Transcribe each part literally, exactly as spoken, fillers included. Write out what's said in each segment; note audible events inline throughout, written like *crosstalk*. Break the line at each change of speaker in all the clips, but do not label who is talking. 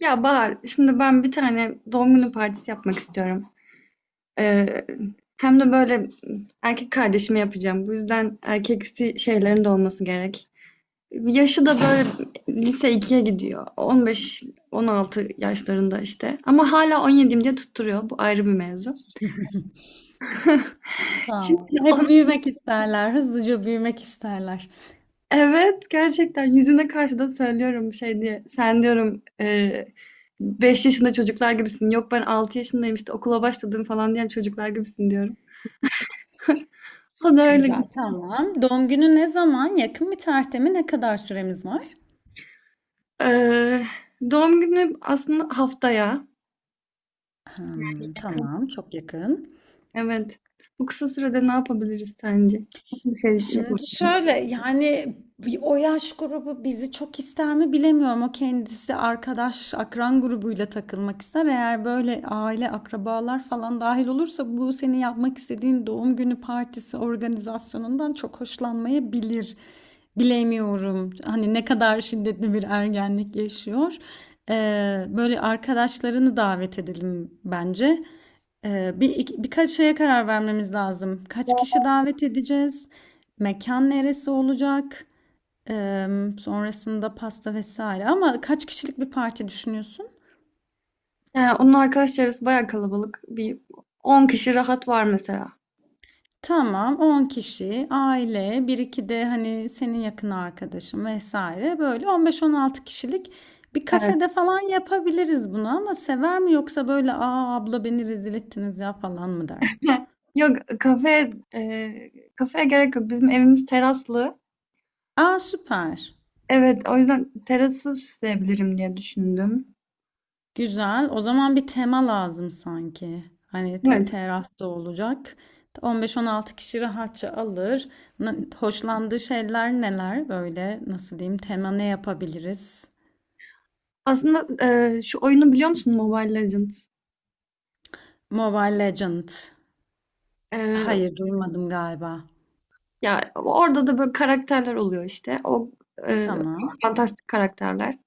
Ya Bahar, şimdi ben bir tane doğum günü partisi yapmak istiyorum. Ee, hem de böyle erkek kardeşime yapacağım. Bu yüzden erkeksi şeylerin de olması gerek. Yaşı da böyle lise ikiye gidiyor. on beş on altı yaşlarında işte. Ama hala on yediyim diye tutturuyor. Bu ayrı bir mevzu.
*laughs*
Şimdi
Tamam. Hep
onu-
büyümek isterler. Hızlıca büyümek isterler.
evet, gerçekten yüzüne karşı da söylüyorum şey diye. Sen diyorum e, beş yaşında çocuklar gibisin. Yok, ben altı yaşındayım işte okula başladım falan diyen çocuklar gibisin. O da öyle.
Güzel, tamam. Doğum günü ne zaman? Yakın bir tarihte mi? Ne kadar süremiz var?
Eee, doğum günü aslında haftaya.
Hmm, tamam, çok yakın.
Evet. Bu kısa sürede ne yapabiliriz sence? Bir şey yapalım.
Şimdi şöyle yani bir- o yaş grubu bizi çok ister mi bilemiyorum. O kendisi arkadaş, akran grubuyla takılmak ister. Eğer böyle aile, akrabalar falan dahil olursa bu senin yapmak istediğin doğum günü partisi organizasyonundan çok hoşlanmayabilir. Bilemiyorum. Hani ne kadar şiddetli bir ergenlik yaşıyor. Ee, böyle arkadaşlarını davet edelim bence. Ee, bir, iki- birkaç şeye karar vermemiz lazım. Kaç kişi davet edeceğiz? Mekan neresi olacak? Em, sonrasında pasta vesaire. Ama kaç kişilik bir parti düşünüyorsun?
Yani onun arkadaş çevresi bayağı kalabalık. Bir on kişi rahat var mesela.
Tamam, on kişi, aile, bir iki de hani senin yakın arkadaşın vesaire. Böyle on beş on altı kişilik bir
Evet.
kafede falan yapabiliriz bunu ama sever mi yoksa böyle aa abla beni rezil ettiniz ya falan mı der?
Yok, kafe eee kafeye gerek yok. Bizim evimiz teraslı.
Aa süper.
Evet, o yüzden terası süsleyebilirim diye düşündüm.
Güzel. O zaman bir tema lazım sanki. Hani te
Evet.
terasta olacak. on beş on altı kişi rahatça alır. Na- Hoşlandığı şeyler neler? Böyle nasıl diyeyim? Tema ne yapabiliriz?
Aslında eee, şu oyunu biliyor musun Mobile Legends?
Mobile Legend.
Eee,
Hayır, duymadım galiba.
Ya orada da böyle karakterler oluyor işte. O e,
Tamam.
fantastik karakterler.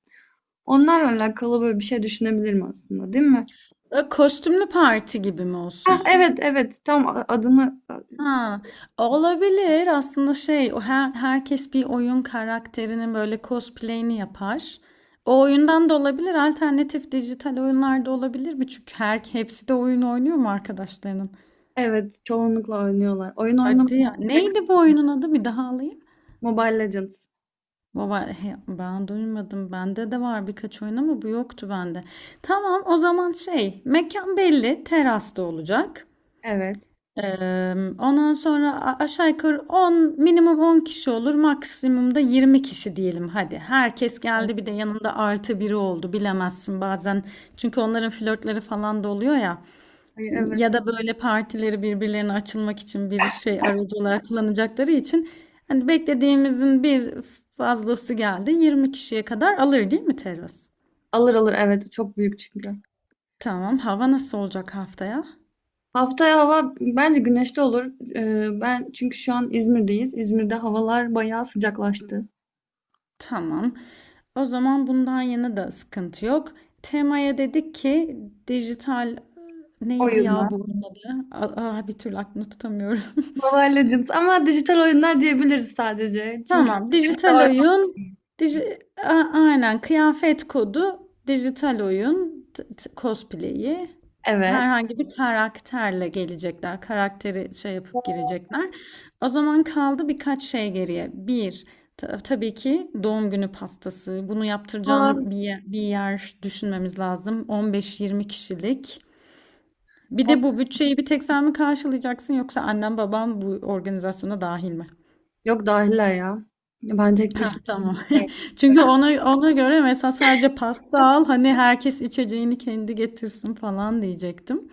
Onlarla alakalı böyle bir şey düşünebilirim aslında, değil mi?
E, Kostümlü parti gibi mi
Ah,
olsun?
evet evet, tam a- adını
Ha, olabilir aslında şey o her, herkes bir oyun karakterinin böyle cosplay'ini yapar. O oyundan da olabilir alternatif dijital oyunlar da olabilir mi? Çünkü her hepsi de oyun oynuyor mu arkadaşlarının?
evet çoğunlukla oynuyorlar. Oyun oynamak
Hadi ya. Neydi bu oyunun adı? Bir daha alayım.
Mobile Legends.
Baba he, ben duymadım. Bende de var birkaç oyun ama bu yoktu bende. Tamam o zaman şey mekan belli terasta olacak.
Evet.
Emm, ondan sonra a aşağı yukarı on minimum on kişi olur, maksimum da yirmi kişi diyelim hadi. Herkes
Evet.
geldi bir de yanında artı biri oldu bilemezsin bazen çünkü onların flörtleri falan da oluyor ya
Ay, evet.
ya da böyle partileri birbirlerine açılmak için bir şey aracı olarak kullanacakları için hani beklediğimizin bir fazlası geldi yirmi kişiye kadar alır değil mi terası?
Alır alır, evet, çok büyük çünkü.
Tamam hava nasıl olacak haftaya?
Haftaya hava bence güneşli olur. Ee, ben çünkü şu an İzmir'deyiz. İzmir'de havalar bayağı sıcaklaştı.
Tamam. O zaman bundan yana da sıkıntı yok. Temaya dedik ki dijital neydi
Oyunlar.
ya bu oyunun adı? Aa, bir türlü aklımda tutamıyorum.
Mobile Legends ama dijital oyunlar diyebiliriz sadece. Çünkü
Tamam. Dijital oyun. Diji A- aynen kıyafet kodu. Dijital oyun. T- t- cosplay'i.
evet.
Herhangi bir karakterle gelecekler. Karakteri şey yapıp girecekler. O zaman kaldı birkaç şey geriye. Bir, ta- tabii ki doğum günü pastası. Bunu
Onlar-
yaptıracağın bir yer, bir yer düşünmemiz lazım. on beş yirmi kişilik. Bir de bu bütçeyi bir tek sen mi karşılayacaksın yoksa annem babam bu organizasyona dahil mi?
Yok, dahiller ya. Ben tek
Hah,
başıma
tamam.
giderim.
*laughs* Çünkü ona ona göre mesela sadece pasta al, hani herkes içeceğini kendi getirsin falan diyecektim.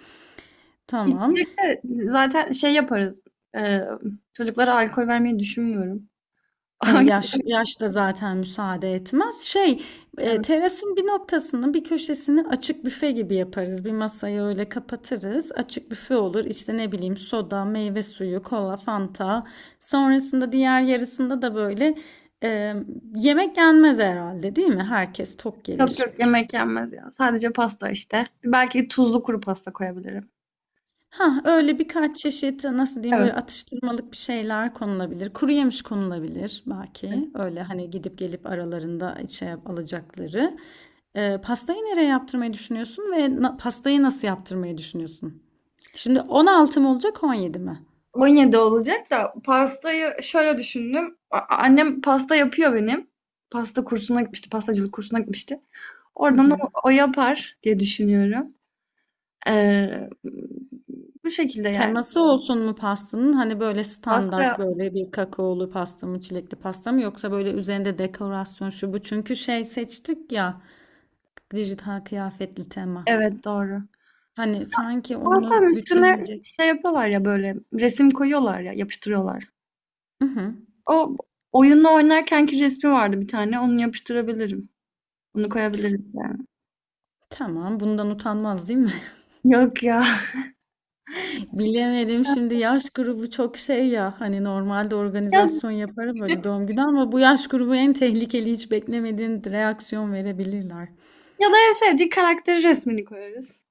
Tamam.
İçecek de zaten şey yaparız. Ee, çocuklara alkol vermeyi düşünmüyorum.
E, yaş
*laughs*
yaş da zaten müsaade etmez. Şey, e,
Evet.
terasın bir noktasını, bir köşesini açık büfe gibi yaparız. Bir masayı öyle kapatırız. Açık büfe olur. İşte ne bileyim soda, meyve suyu, kola, fanta. Sonrasında diğer yarısında da böyle e, yemek yenmez herhalde, değil mi? Herkes tok
Çok
gelir.
çok yemek yenmez ya. Sadece pasta işte. Belki tuzlu kuru pasta koyabilirim.
Ha öyle birkaç çeşit, nasıl diyeyim,
Evet.
böyle atıştırmalık bir şeyler konulabilir. Kuru yemiş konulabilir
Evet.
belki. Öyle hani gidip gelip aralarında şey yap- alacakları. Ee, pastayı nereye yaptırmayı düşünüyorsun ve na- pastayı nasıl yaptırmayı düşünüyorsun? Şimdi on altı mı olacak on yedi mi?
on yedi olacak da pastayı şöyle düşündüm. A- Annem pasta yapıyor benim. Pasta kursuna gitmişti. Pastacılık kursuna gitmişti.
Hı
Oradan
hı.
o, o yapar diye düşünüyorum. Ee, bu şekilde yani.
Teması olsun mu pastanın? Hani böyle standart
Pasta,
böyle bir kakaolu pasta mı, çilekli pasta mı yoksa böyle üzerinde dekorasyon şu bu. Çünkü şey seçtik ya dijital kıyafetli tema.
evet, doğru.
Hani sanki onu
Pastanın üstüne
bütünleyecek.
şey yapıyorlar ya, böyle resim koyuyorlar ya yapıştırıyorlar.
Hı hı.
O oyunla oynarkenki resmi vardı bir tane, onu yapıştırabilirim. Onu koyabilirim yani.
Tamam, bundan utanmaz değil mi?
Yok ya. *laughs*
*laughs* Bilemedim şimdi yaş grubu çok şey ya hani normalde
Ya,
organizasyon yaparım böyle doğum günü ama bu yaş grubu en tehlikeli hiç beklemediğin reaksiyon verebilirler.
ya da en sevdiği karakteri resmini koyarız.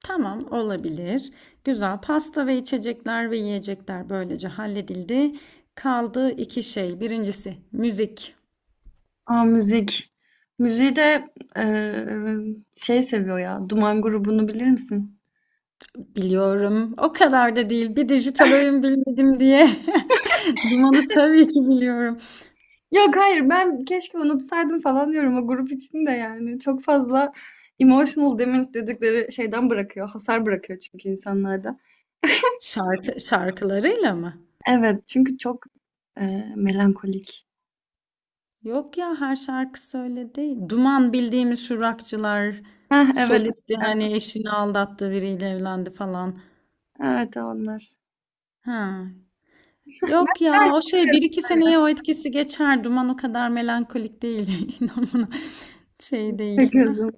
Tamam olabilir. Güzel pasta ve içecekler ve yiyecekler böylece halledildi. Kaldı iki şey. Birincisi müzik.
Aa, müzik. Müziği de eee, şey seviyor ya. Duman grubunu bilir misin?
Biliyorum o kadar da değil bir dijital oyun bilmedim diye. *laughs* Dumanı tabii ki biliyorum.
Yok hayır, ben keşke unutsaydım falan diyorum o grup içinde yani. Çok fazla emotional damage dedikleri şeyden bırakıyor. Hasar bırakıyor çünkü insanlarda.
Şarkı şarkılarıyla mı?
Evet, çünkü çok e, melankolik.
Yok ya her şarkısı öyle değil. Duman bildiğimiz şu rockçılar
Heh, evet.
solisti
e,
hani eşini aldattı biriyle evlendi falan.
Evet, onlar.
Ha. Yok ya o şey bir iki seneye o etkisi geçer. Duman o kadar melankolik değil. *laughs* İnan bana. Şey değil.
Peki o
Hah.
zaman.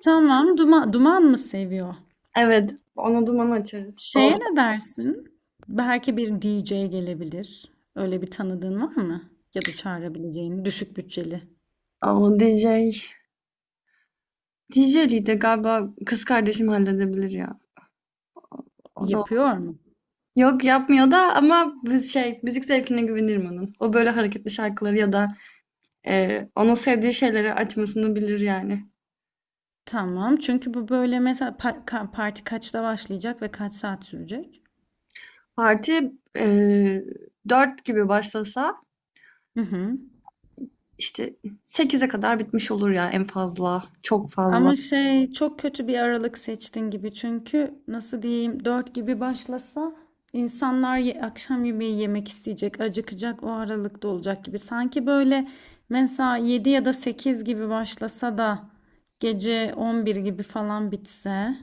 Tamam duman, duman mı seviyor?
Evet. Onu duman açarız. O,
Şeye ne dersin? Belki bir D J gelebilir. Öyle bir tanıdığın var mı? Ya da çağırabileceğin düşük bütçeli.
o D J. D J'liği de galiba kız kardeşim halledebilir ya. O da
Yapıyor mu?
yok, yapmıyor da, ama biz şey, müzik zevkine güvenirim onun. O böyle hareketli şarkıları ya da Ee, onun sevdiği şeyleri açmasını bilir yani.
Tamam. Çünkü bu böyle mesela pa- ka- parti kaçta başlayacak ve kaç saat sürecek?
Parti e, dört gibi başlasa
Hı hı.
işte sekize kadar bitmiş olur ya, en fazla. Çok fazla.
Ama şey çok kötü bir aralık seçtin gibi çünkü nasıl diyeyim dört gibi başlasa insanlar ye- akşam yemeği yemek isteyecek, acıkacak o aralıkta olacak gibi. Sanki böyle mesela yedi ya da sekiz gibi başlasa da gece on bir gibi falan bitse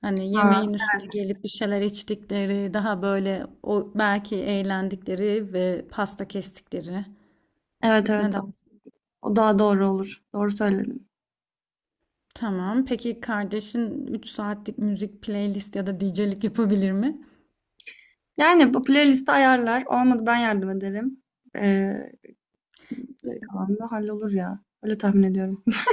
hani
Ha,
yemeğin üstüne gelip bir şeyler içtikleri daha böyle o belki eğlendikleri ve pasta kestikleri.
evet evet,
Neden?
o daha doğru olur. Doğru söyledin.
Tamam. Peki kardeşin üç saatlik müzik playlist ya da D J'lik yapabilir mi?
Yani bu playlisti ayarlar. Olmadı ben yardım ederim. Ee, geri kalan da hallolur ya. Öyle tahmin ediyorum. *laughs*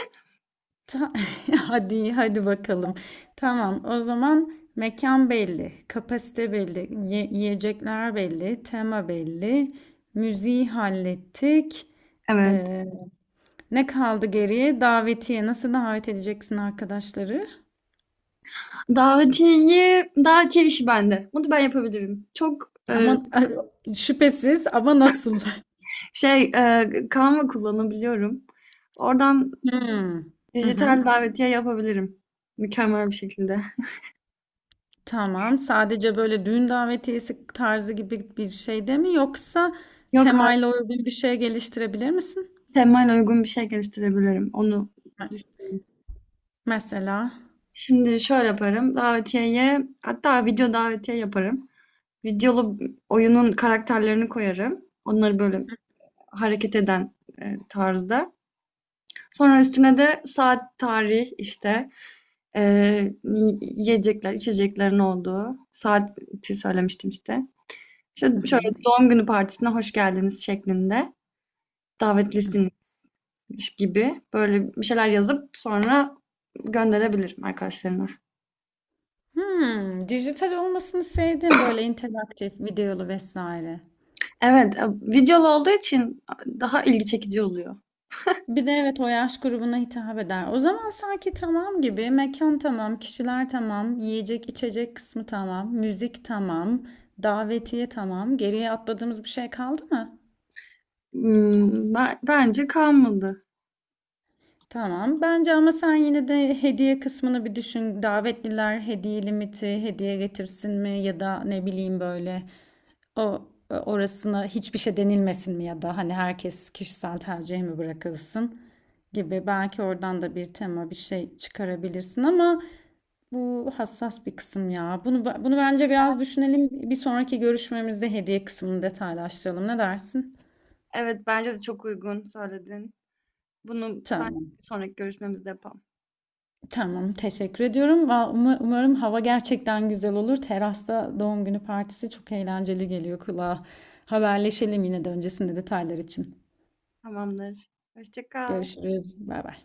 Ta- *laughs* hadi hadi bakalım. Tamam. O zaman mekan belli, kapasite belli, ye- yiyecekler belli, tema belli, müziği hallettik.
Evet.
Ee, Ne kaldı geriye? Davetiye. Nasıl davet edeceksin arkadaşları?
Davetiyeyi, davetiye işi bende. Bunu ben yapabilirim. Çok e,
Ama *laughs* şüphesiz ama nasıl? *laughs*
şey e, Canva kullanabiliyorum. Oradan
Hmm. Hı hı.
dijital davetiye yapabilirim. Mükemmel bir şekilde.
Tamam. Sadece böyle düğün davetiyesi tarzı gibi bir şey de mi yoksa
Yok artık,
temayla uygun bir şey geliştirebilir misin?
temayla uygun bir şey geliştirebilirim. Onu
Me-
düşünüyorum.
Mesela.
Şimdi şöyle yaparım. Davetiyeye hatta video davetiye yaparım. Videolu oyunun karakterlerini koyarım. Onları böyle hareket eden e, tarzda. Sonra üstüne de saat, tarih işte, e, y- yiyecekler, içeceklerin olduğu saati söylemiştim işte. İşte
Hı
şöyle
hı.
doğum günü partisine hoş geldiniz şeklinde. Davetlisiniz gibi böyle bir şeyler yazıp sonra gönderebilirim arkadaşlarına.
Hmm, dijital olmasını sevdim böyle interaktif, videolu vesaire.
Evet, e, videolu olduğu için daha ilgi çekici oluyor.
Bir de evet o yaş grubuna hitap eder. O zaman sanki tamam gibi mekan tamam, kişiler tamam, yiyecek içecek kısmı tamam, müzik tamam, davetiye tamam. Geriye atladığımız bir şey kaldı mı?
Hmm, ben- bence kalmadı.
Tamam. Bence ama sen yine de hediye kısmını bir düşün. Davetliler hediye limiti, hediye getirsin mi ya da ne bileyim böyle o e, orasına hiçbir şey denilmesin mi ya da hani herkes kişisel tercih mi bırakılsın gibi. Belki oradan da bir tema bir şey çıkarabilirsin ama bu hassas bir kısım ya. Bunu bunu bence biraz düşünelim. Bir sonraki görüşmemizde hediye kısmını detaylaştıralım. Ne dersin?
Evet, bence de çok uygun söyledin. Bunu ben
Tamam.
sonraki görüşmemizde yapalım.
Tamam, teşekkür ediyorum. Va- uma- Umarım hava gerçekten güzel olur. Terasta doğum günü partisi çok eğlenceli geliyor kulağa. Haberleşelim yine de öncesinde detaylar için.
Tamamdır. Hoşça kal.
Görüşürüz. Bay bay.